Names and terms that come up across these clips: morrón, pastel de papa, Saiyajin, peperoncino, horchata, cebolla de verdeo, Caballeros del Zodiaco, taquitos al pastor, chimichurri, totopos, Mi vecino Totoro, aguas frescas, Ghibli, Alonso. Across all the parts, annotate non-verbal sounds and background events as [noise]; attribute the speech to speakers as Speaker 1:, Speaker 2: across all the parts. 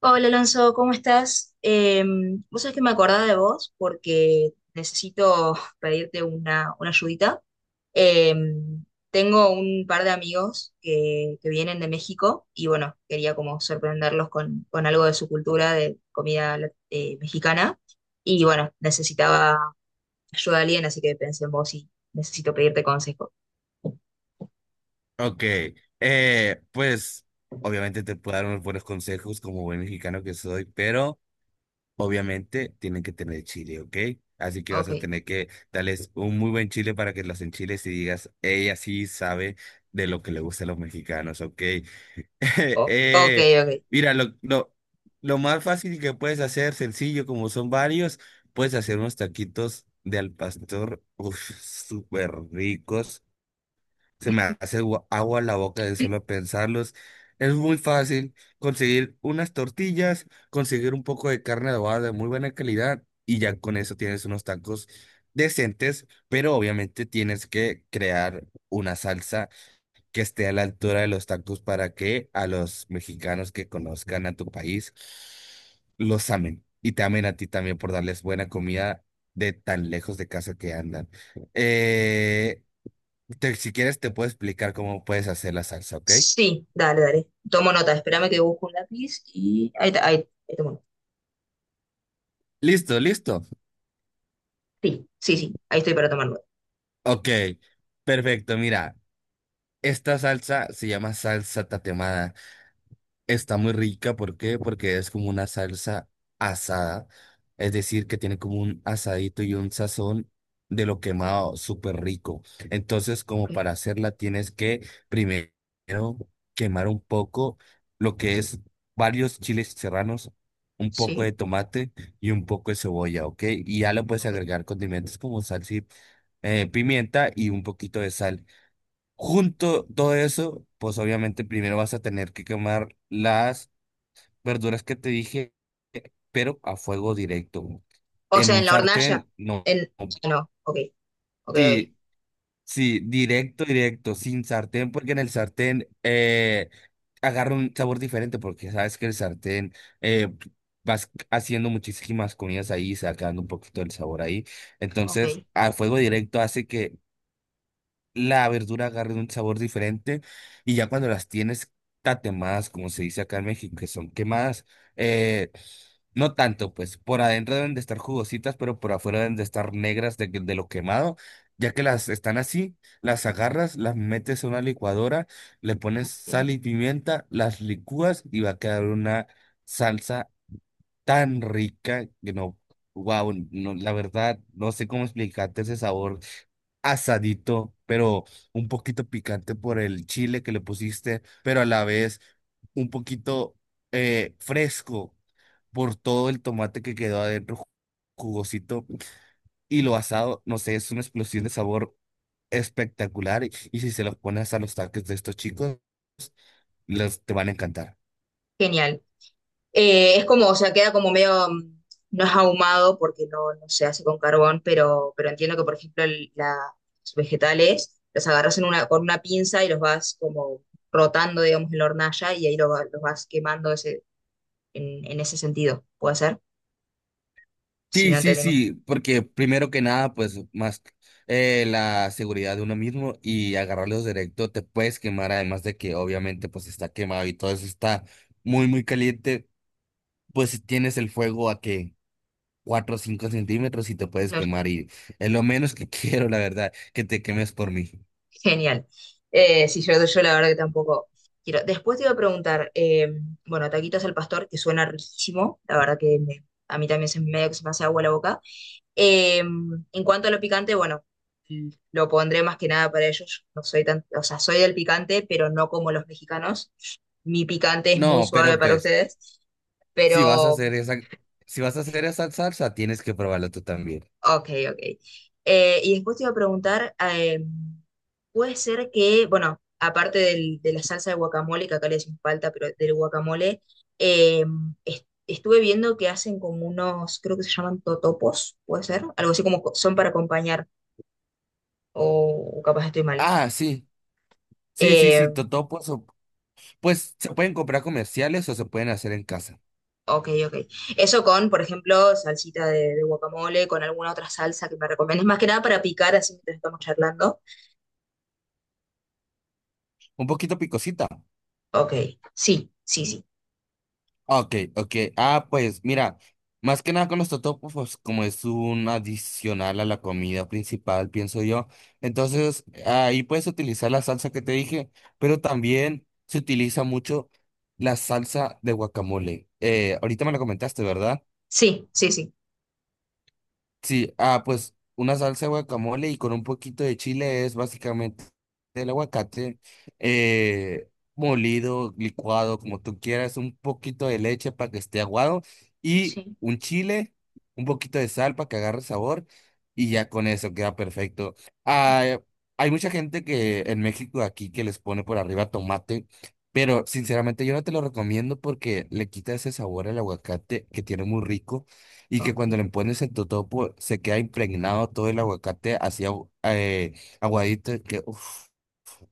Speaker 1: Hola Alonso, ¿cómo estás? Vos sabés que me acordaba de vos porque necesito [laughs] pedirte una ayudita. Eh, Tengo un par de amigos que vienen de México y bueno, quería como sorprenderlos con algo de su cultura, de comida mexicana. Y bueno, necesitaba ayuda de alguien, así que pensé en vos y necesito pedirte consejo.
Speaker 2: Ok, pues obviamente te puedo dar unos buenos consejos como buen mexicano que soy, pero obviamente tienen que tener chile, ¿ok? Así que vas a
Speaker 1: Ok,
Speaker 2: tener que darles un muy buen chile para que los enchiles y digas, ella sí sabe de lo que le gusta a los mexicanos, ¿ok? [laughs]
Speaker 1: o- ok,
Speaker 2: eh,
Speaker 1: ok.
Speaker 2: mira, lo más fácil que puedes hacer, sencillo, como son varios, puedes hacer unos taquitos de al pastor, uf, súper ricos, se me hace agua la boca de solo pensarlos. Es muy fácil conseguir unas tortillas, conseguir un poco de carne adobada de muy buena calidad y ya con eso tienes unos tacos decentes, pero obviamente tienes que crear una salsa que esté a la altura de los tacos para que a los mexicanos que conozcan a tu país los amen y te amen a ti también por darles buena comida de tan lejos de casa que andan. Eh, si quieres, te puedo explicar cómo puedes hacer la salsa, ¿ok?
Speaker 1: Sí, dale, dale. Tomo nota, espérame que busco un lápiz y ahí tomo.
Speaker 2: Listo, listo.
Speaker 1: Sí, sí, sí, ahí estoy para tomar nota.
Speaker 2: Ok, perfecto. Mira, esta salsa se llama salsa tatemada. Está muy rica, ¿por qué? Porque es como una salsa asada, es decir, que tiene como un asadito y un sazón de lo quemado, súper rico. Entonces,
Speaker 1: Ok,
Speaker 2: como para hacerla, tienes que primero quemar un poco lo que es varios chiles serranos, un poco
Speaker 1: sí,
Speaker 2: de tomate y un poco de cebolla, ¿ok? Y ya le puedes
Speaker 1: ok.
Speaker 2: agregar condimentos como salsa, pimienta y un poquito de sal. Junto todo eso, pues obviamente primero vas a tener que quemar las verduras que te dije, pero a fuego directo.
Speaker 1: O
Speaker 2: En
Speaker 1: sea,
Speaker 2: un
Speaker 1: en la hornalla.
Speaker 2: sartén, no.
Speaker 1: En... ah, no, ok, ok, ok,
Speaker 2: Sí, sí, directo, directo, sin sartén, porque en el sartén agarra un sabor diferente, porque sabes que el sartén eh, vas haciendo muchísimas comidas ahí, sacando un poquito del sabor ahí.
Speaker 1: ok,
Speaker 2: Entonces, a fuego directo hace que la verdura agarre un sabor diferente y ya cuando las tienes tatemadas, como se dice acá en México, que son quemadas, eh, no tanto, pues por adentro deben de estar jugositas, pero por afuera deben de estar negras de, de lo quemado. Ya que las están así, las agarras, las metes a una licuadora, le pones
Speaker 1: bien.
Speaker 2: sal y pimienta, las licúas y va a quedar una salsa tan rica que no, wow, no, la verdad, no sé cómo explicarte ese sabor asadito, pero un poquito picante por el chile que le pusiste, pero a la vez un poquito fresco por todo el tomate que quedó adentro jugosito y lo asado, no sé, es una explosión de sabor espectacular y si se los pones a los taques de estos chicos, les te van a encantar.
Speaker 1: Genial. Es como, o sea, queda como medio, no es ahumado porque no, no se hace con carbón, pero entiendo que, por ejemplo, los vegetales los agarras en una, con una pinza y los vas como rotando, digamos, en la hornalla y ahí los vas quemando ese, en ese sentido. ¿Puede ser? Si
Speaker 2: Sí,
Speaker 1: no
Speaker 2: sí,
Speaker 1: entendemos.
Speaker 2: sí, porque primero que nada, pues más, la seguridad de uno mismo y agarrarlos directo te puedes quemar, además de que obviamente pues está quemado y todo eso está muy, muy caliente, pues si tienes el fuego a que 4 o 5 centímetros y te puedes quemar y es lo menos que [laughs] quiero, la verdad, que te quemes por mí.
Speaker 1: Genial. Sí, yo la verdad que tampoco quiero. Después te iba a preguntar, bueno, taquitos al pastor, que suena riquísimo, la verdad que a mí también se, medio que se me hace agua la boca. En cuanto a lo picante, bueno, lo pondré más que nada para ellos. No soy tan, o sea, soy del picante, pero no como los mexicanos. Mi picante es muy
Speaker 2: No,
Speaker 1: suave
Speaker 2: pero
Speaker 1: para
Speaker 2: pues
Speaker 1: ustedes,
Speaker 2: si vas a
Speaker 1: pero
Speaker 2: hacer esa, si vas a hacer esa salsa, tienes que probarlo tú también.
Speaker 1: ok, ok. Y después te iba a preguntar, puede ser que, bueno, aparte de la salsa de guacamole, que acá le decimos palta, pero del guacamole, eh, estuve viendo que hacen como unos, creo que se llaman totopos, puede ser, algo así como son para acompañar, o capaz estoy mal.
Speaker 2: Ah, sí, sí, sí,
Speaker 1: Eh,
Speaker 2: sí, totopos. Pues se pueden comprar comerciales o se pueden hacer en casa.
Speaker 1: ok, ok. Eso con, por ejemplo, salsita de guacamole, con alguna otra salsa que me recomiendes, más que nada para picar, así mientras estamos charlando.
Speaker 2: Un poquito picosita.
Speaker 1: Ok, sí, sí, sí,
Speaker 2: Ah, ok, ok. Ah, pues mira, más que nada con los totopos, pues, como es un adicional a la comida principal, pienso yo. Entonces, ahí puedes utilizar la salsa que te dije, pero también se utiliza mucho la salsa de guacamole. Ahorita me lo comentaste, ¿verdad?
Speaker 1: sí, sí, sí.
Speaker 2: Sí, ah, pues una salsa de guacamole y con un poquito de chile es básicamente el aguacate eh, molido, licuado, como tú quieras, un poquito de leche para que esté aguado y
Speaker 1: Sí.
Speaker 2: un chile, un poquito de sal para que agarre sabor y ya con eso queda perfecto. Ah, hay mucha gente que en México aquí que les pone por arriba tomate, pero sinceramente yo no te lo recomiendo porque le quita ese sabor al aguacate que tiene muy rico y que cuando
Speaker 1: Ok.
Speaker 2: le pones en tu topo se queda impregnado todo el aguacate así aguadito, que uff.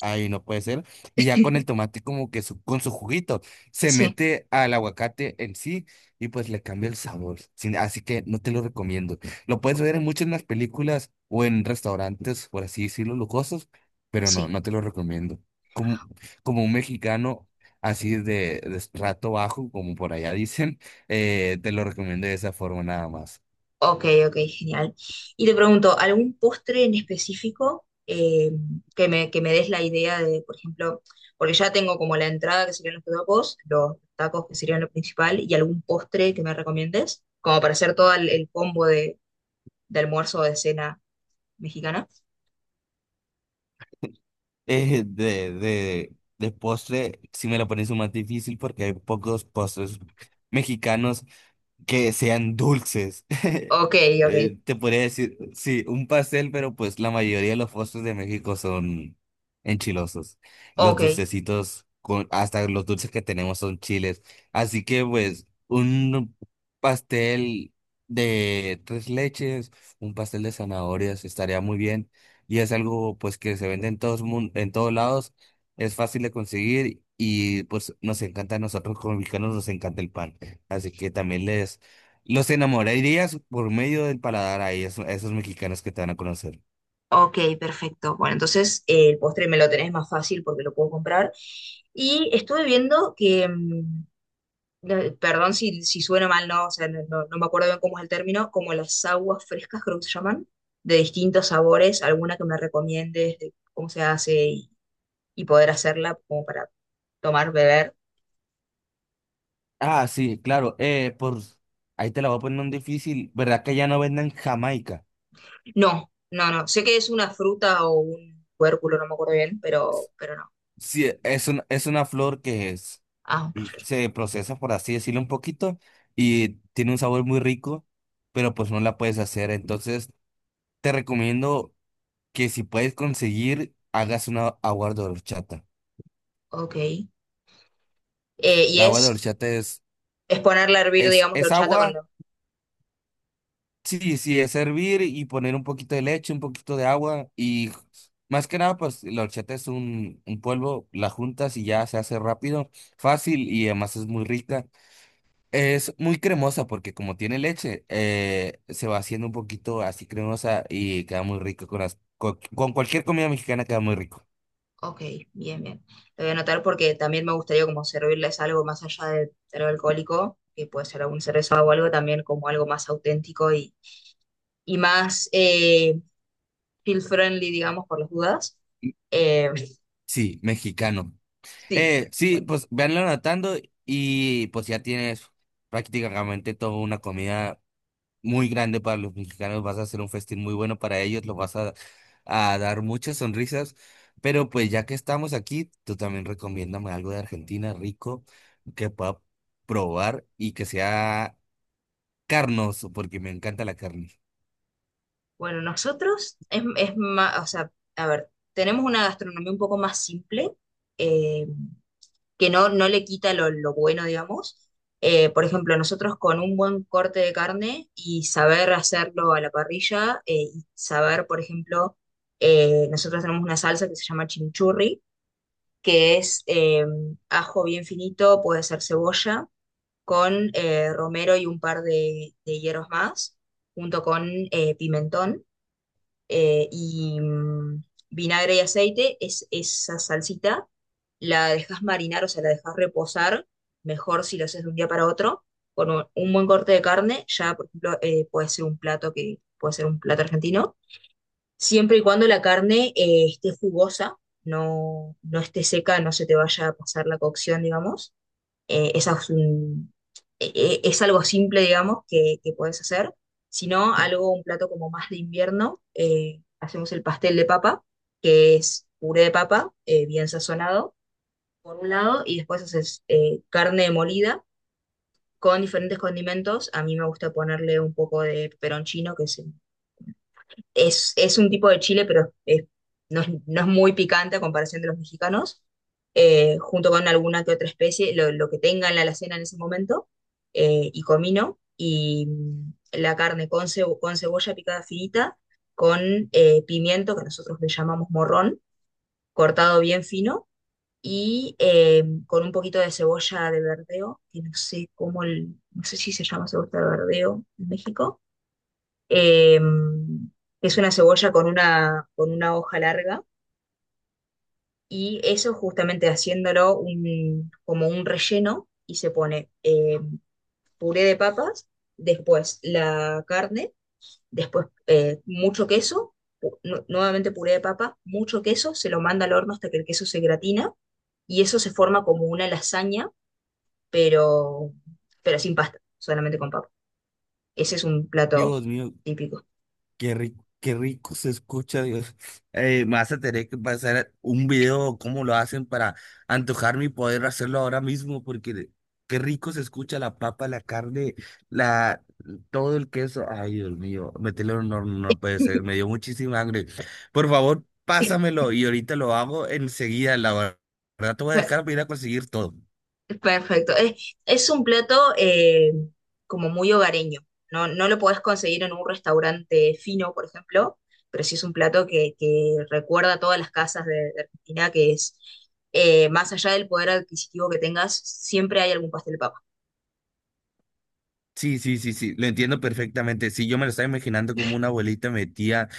Speaker 2: Ay, no puede ser. Y ya con el
Speaker 1: [laughs]
Speaker 2: tomate como que con su juguito se
Speaker 1: Sí,
Speaker 2: mete al aguacate en sí y pues le cambia el sabor. Así que no te lo recomiendo. Lo puedes ver en muchas más películas o en restaurantes, por así decirlo, lujosos, pero no,
Speaker 1: sí.
Speaker 2: no te lo recomiendo. Como, como un mexicano así de estrato bajo, como por allá dicen, te lo recomiendo de esa forma nada más.
Speaker 1: Ok, ok, genial. Y te pregunto, ¿algún postre en específico, que que me des la idea de, por ejemplo, porque ya tengo como la entrada que serían los tacos que serían lo principal, y algún postre que me recomiendes, como para hacer todo el combo de almuerzo o de cena mexicana?
Speaker 2: De postre, sí me la pones un más difícil porque hay pocos postres mexicanos que sean dulces. [laughs]
Speaker 1: Ok, ok,
Speaker 2: Te podría decir, sí, un pastel, pero pues la mayoría de los postres de México son enchilosos. Los
Speaker 1: ok,
Speaker 2: dulcecitos, con, hasta los dulces que tenemos son chiles. Así que pues un pastel de tres leches, un pastel de zanahorias estaría muy bien. Y es algo pues que se vende en todos, en todos lados. Es fácil de conseguir y pues nos encanta a nosotros como mexicanos, nos encanta el pan. Así que también les los enamorarías por medio del paladar a ellos, a esos mexicanos que te van a conocer.
Speaker 1: ok, perfecto. Bueno, entonces el postre me lo tenés más fácil porque lo puedo comprar. Y estuve viendo que... perdón si, si suena mal, no, o sea, no, no me acuerdo bien cómo es el término, como las aguas frescas, creo que se llaman, de distintos sabores, alguna que me recomiendes de cómo se hace y poder hacerla como para tomar, beber.
Speaker 2: Ah, sí, claro. Por ahí te la voy a poner un difícil. ¿Verdad que ya no venden Jamaica?
Speaker 1: No, no, no, sé que es una fruta o un cuérculo, no me acuerdo bien, pero no.
Speaker 2: Sí, es una flor
Speaker 1: Ah,
Speaker 2: se procesa, por así decirlo, un poquito y tiene un sabor muy rico, pero pues no la puedes hacer. Entonces, te recomiendo que si puedes conseguir, hagas una agua de horchata.
Speaker 1: ok. Y
Speaker 2: La agua de horchata es,
Speaker 1: es ponerla a hervir, digamos, la
Speaker 2: es
Speaker 1: horchata con,
Speaker 2: agua, sí, sí, es hervir y poner un poquito de leche, un poquito de agua y más que nada, pues la horchata es un polvo, la juntas y ya se hace rápido, fácil y además es muy rica. Es muy cremosa porque como tiene leche, se va haciendo un poquito así cremosa y queda muy rico con las, con cualquier comida mexicana queda muy rico.
Speaker 1: ok, bien, bien. Lo voy a anotar porque también me gustaría como servirles algo más allá de algo alcohólico, que puede ser algún cerveza o algo, también como algo más auténtico y más feel friendly, digamos, por las dudas. Eh,
Speaker 2: Sí, mexicano.
Speaker 1: sí,
Speaker 2: Sí,
Speaker 1: bueno.
Speaker 2: pues véanlo anotando y pues ya tienes prácticamente toda una comida muy grande para los mexicanos. Vas a hacer un festín muy bueno para ellos, los vas a dar muchas sonrisas. Pero pues ya que estamos aquí, tú también recomiéndame algo de Argentina rico que pueda probar y que sea carnoso, porque me encanta la carne.
Speaker 1: Bueno, nosotros es más, o sea, a ver, tenemos una gastronomía un poco más simple. eh, que no, no le quita lo bueno, digamos. Por ejemplo, nosotros con un buen corte de carne y saber hacerlo a la parrilla, y saber, por ejemplo, nosotros tenemos una salsa que se llama chimichurri, que es ajo bien finito, puede ser cebolla, con romero y un par de hierbas más, junto con pimentón, eh, y mm, vinagre y aceite, es esa salsita, la dejas marinar, o sea, la dejas reposar, mejor si lo haces de un día para otro, con un buen corte de carne, ya por ejemplo puede ser un plato que puede ser un plato argentino, siempre y cuando la carne esté jugosa, no, no esté seca, no se te vaya a pasar la cocción, digamos. Esa es, un- e- e- Es algo simple, digamos, que podés hacer, sino algo, un plato como más de invierno. Hacemos el pastel de papa, que es puré de papa, bien sazonado, por un lado, y después haces carne molida con diferentes condimentos. A mí me gusta ponerle un poco de peperoncino, que es es un tipo de chile, no es muy picante a comparación de los mexicanos, junto con alguna que otra especie, lo que tenga en la alacena en ese momento, y comino, la carne con cebolla picada finita, con pimiento, que nosotros le llamamos morrón, cortado bien fino, y con un poquito de cebolla de verdeo, que no sé cómo, no sé si se llama cebolla de verdeo en México. eh, es una cebolla con una hoja larga, y eso justamente haciéndolo como un relleno, y se pone puré de papas, después la carne, después mucho queso, nuevamente puré de papa, mucho queso, se lo manda al horno hasta que el queso se gratina y eso se forma como una lasaña, pero, pero sin pasta, solamente con papa. Ese es un plato
Speaker 2: Dios mío,
Speaker 1: típico.
Speaker 2: qué rico, qué rico se escucha, Dios. Me vas a tener que pasar un video, cómo lo hacen para antojarme y poder hacerlo ahora mismo, porque qué rico se escucha la papa, la carne, la, todo el queso. Ay, Dios mío, meterlo en un horno no puede ser, me dio muchísima hambre. Por favor,
Speaker 1: [laughs]
Speaker 2: pásamelo y ahorita lo hago enseguida, la verdad. Te voy a dejar para ir a conseguir todo.
Speaker 1: Perfecto. Es un plato como muy hogareño. No, no lo podés conseguir en un restaurante fino, por ejemplo, pero sí es un plato que recuerda a todas las casas de Argentina, que es, más allá del poder adquisitivo que tengas, siempre hay algún pastel de papa.
Speaker 2: Sí, sí, sí, sí, lo entiendo perfectamente. Sí, yo me lo estaba imaginando como una abuelita metía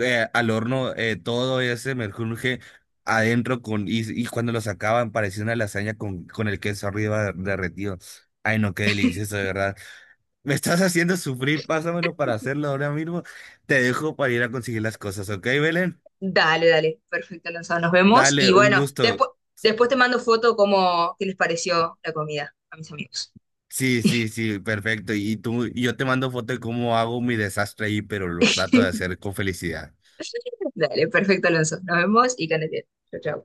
Speaker 2: al horno todo ese merjunje adentro con, y cuando lo sacaban parecía una lasaña con el queso arriba derretido. Ay, no, qué delicioso, de verdad. [laughs] Me estás haciendo sufrir, pásamelo para hacerlo ahora mismo. Te dejo para ir a conseguir las cosas, ¿ok, Belén?
Speaker 1: Dale, dale. Perfecto, Lanzado. Nos vemos. Y
Speaker 2: Dale, un
Speaker 1: bueno,
Speaker 2: gusto.
Speaker 1: después, después te mando foto como qué les pareció la comida a mis amigos.
Speaker 2: Sí, sí, sí, perfecto. Y tú, y yo te mando foto de cómo hago mi desastre ahí, pero lo trato de hacer
Speaker 1: [laughs]
Speaker 2: con felicidad.
Speaker 1: Dale, perfecto, Alonso. Nos vemos y que andes bien. Chau, chau.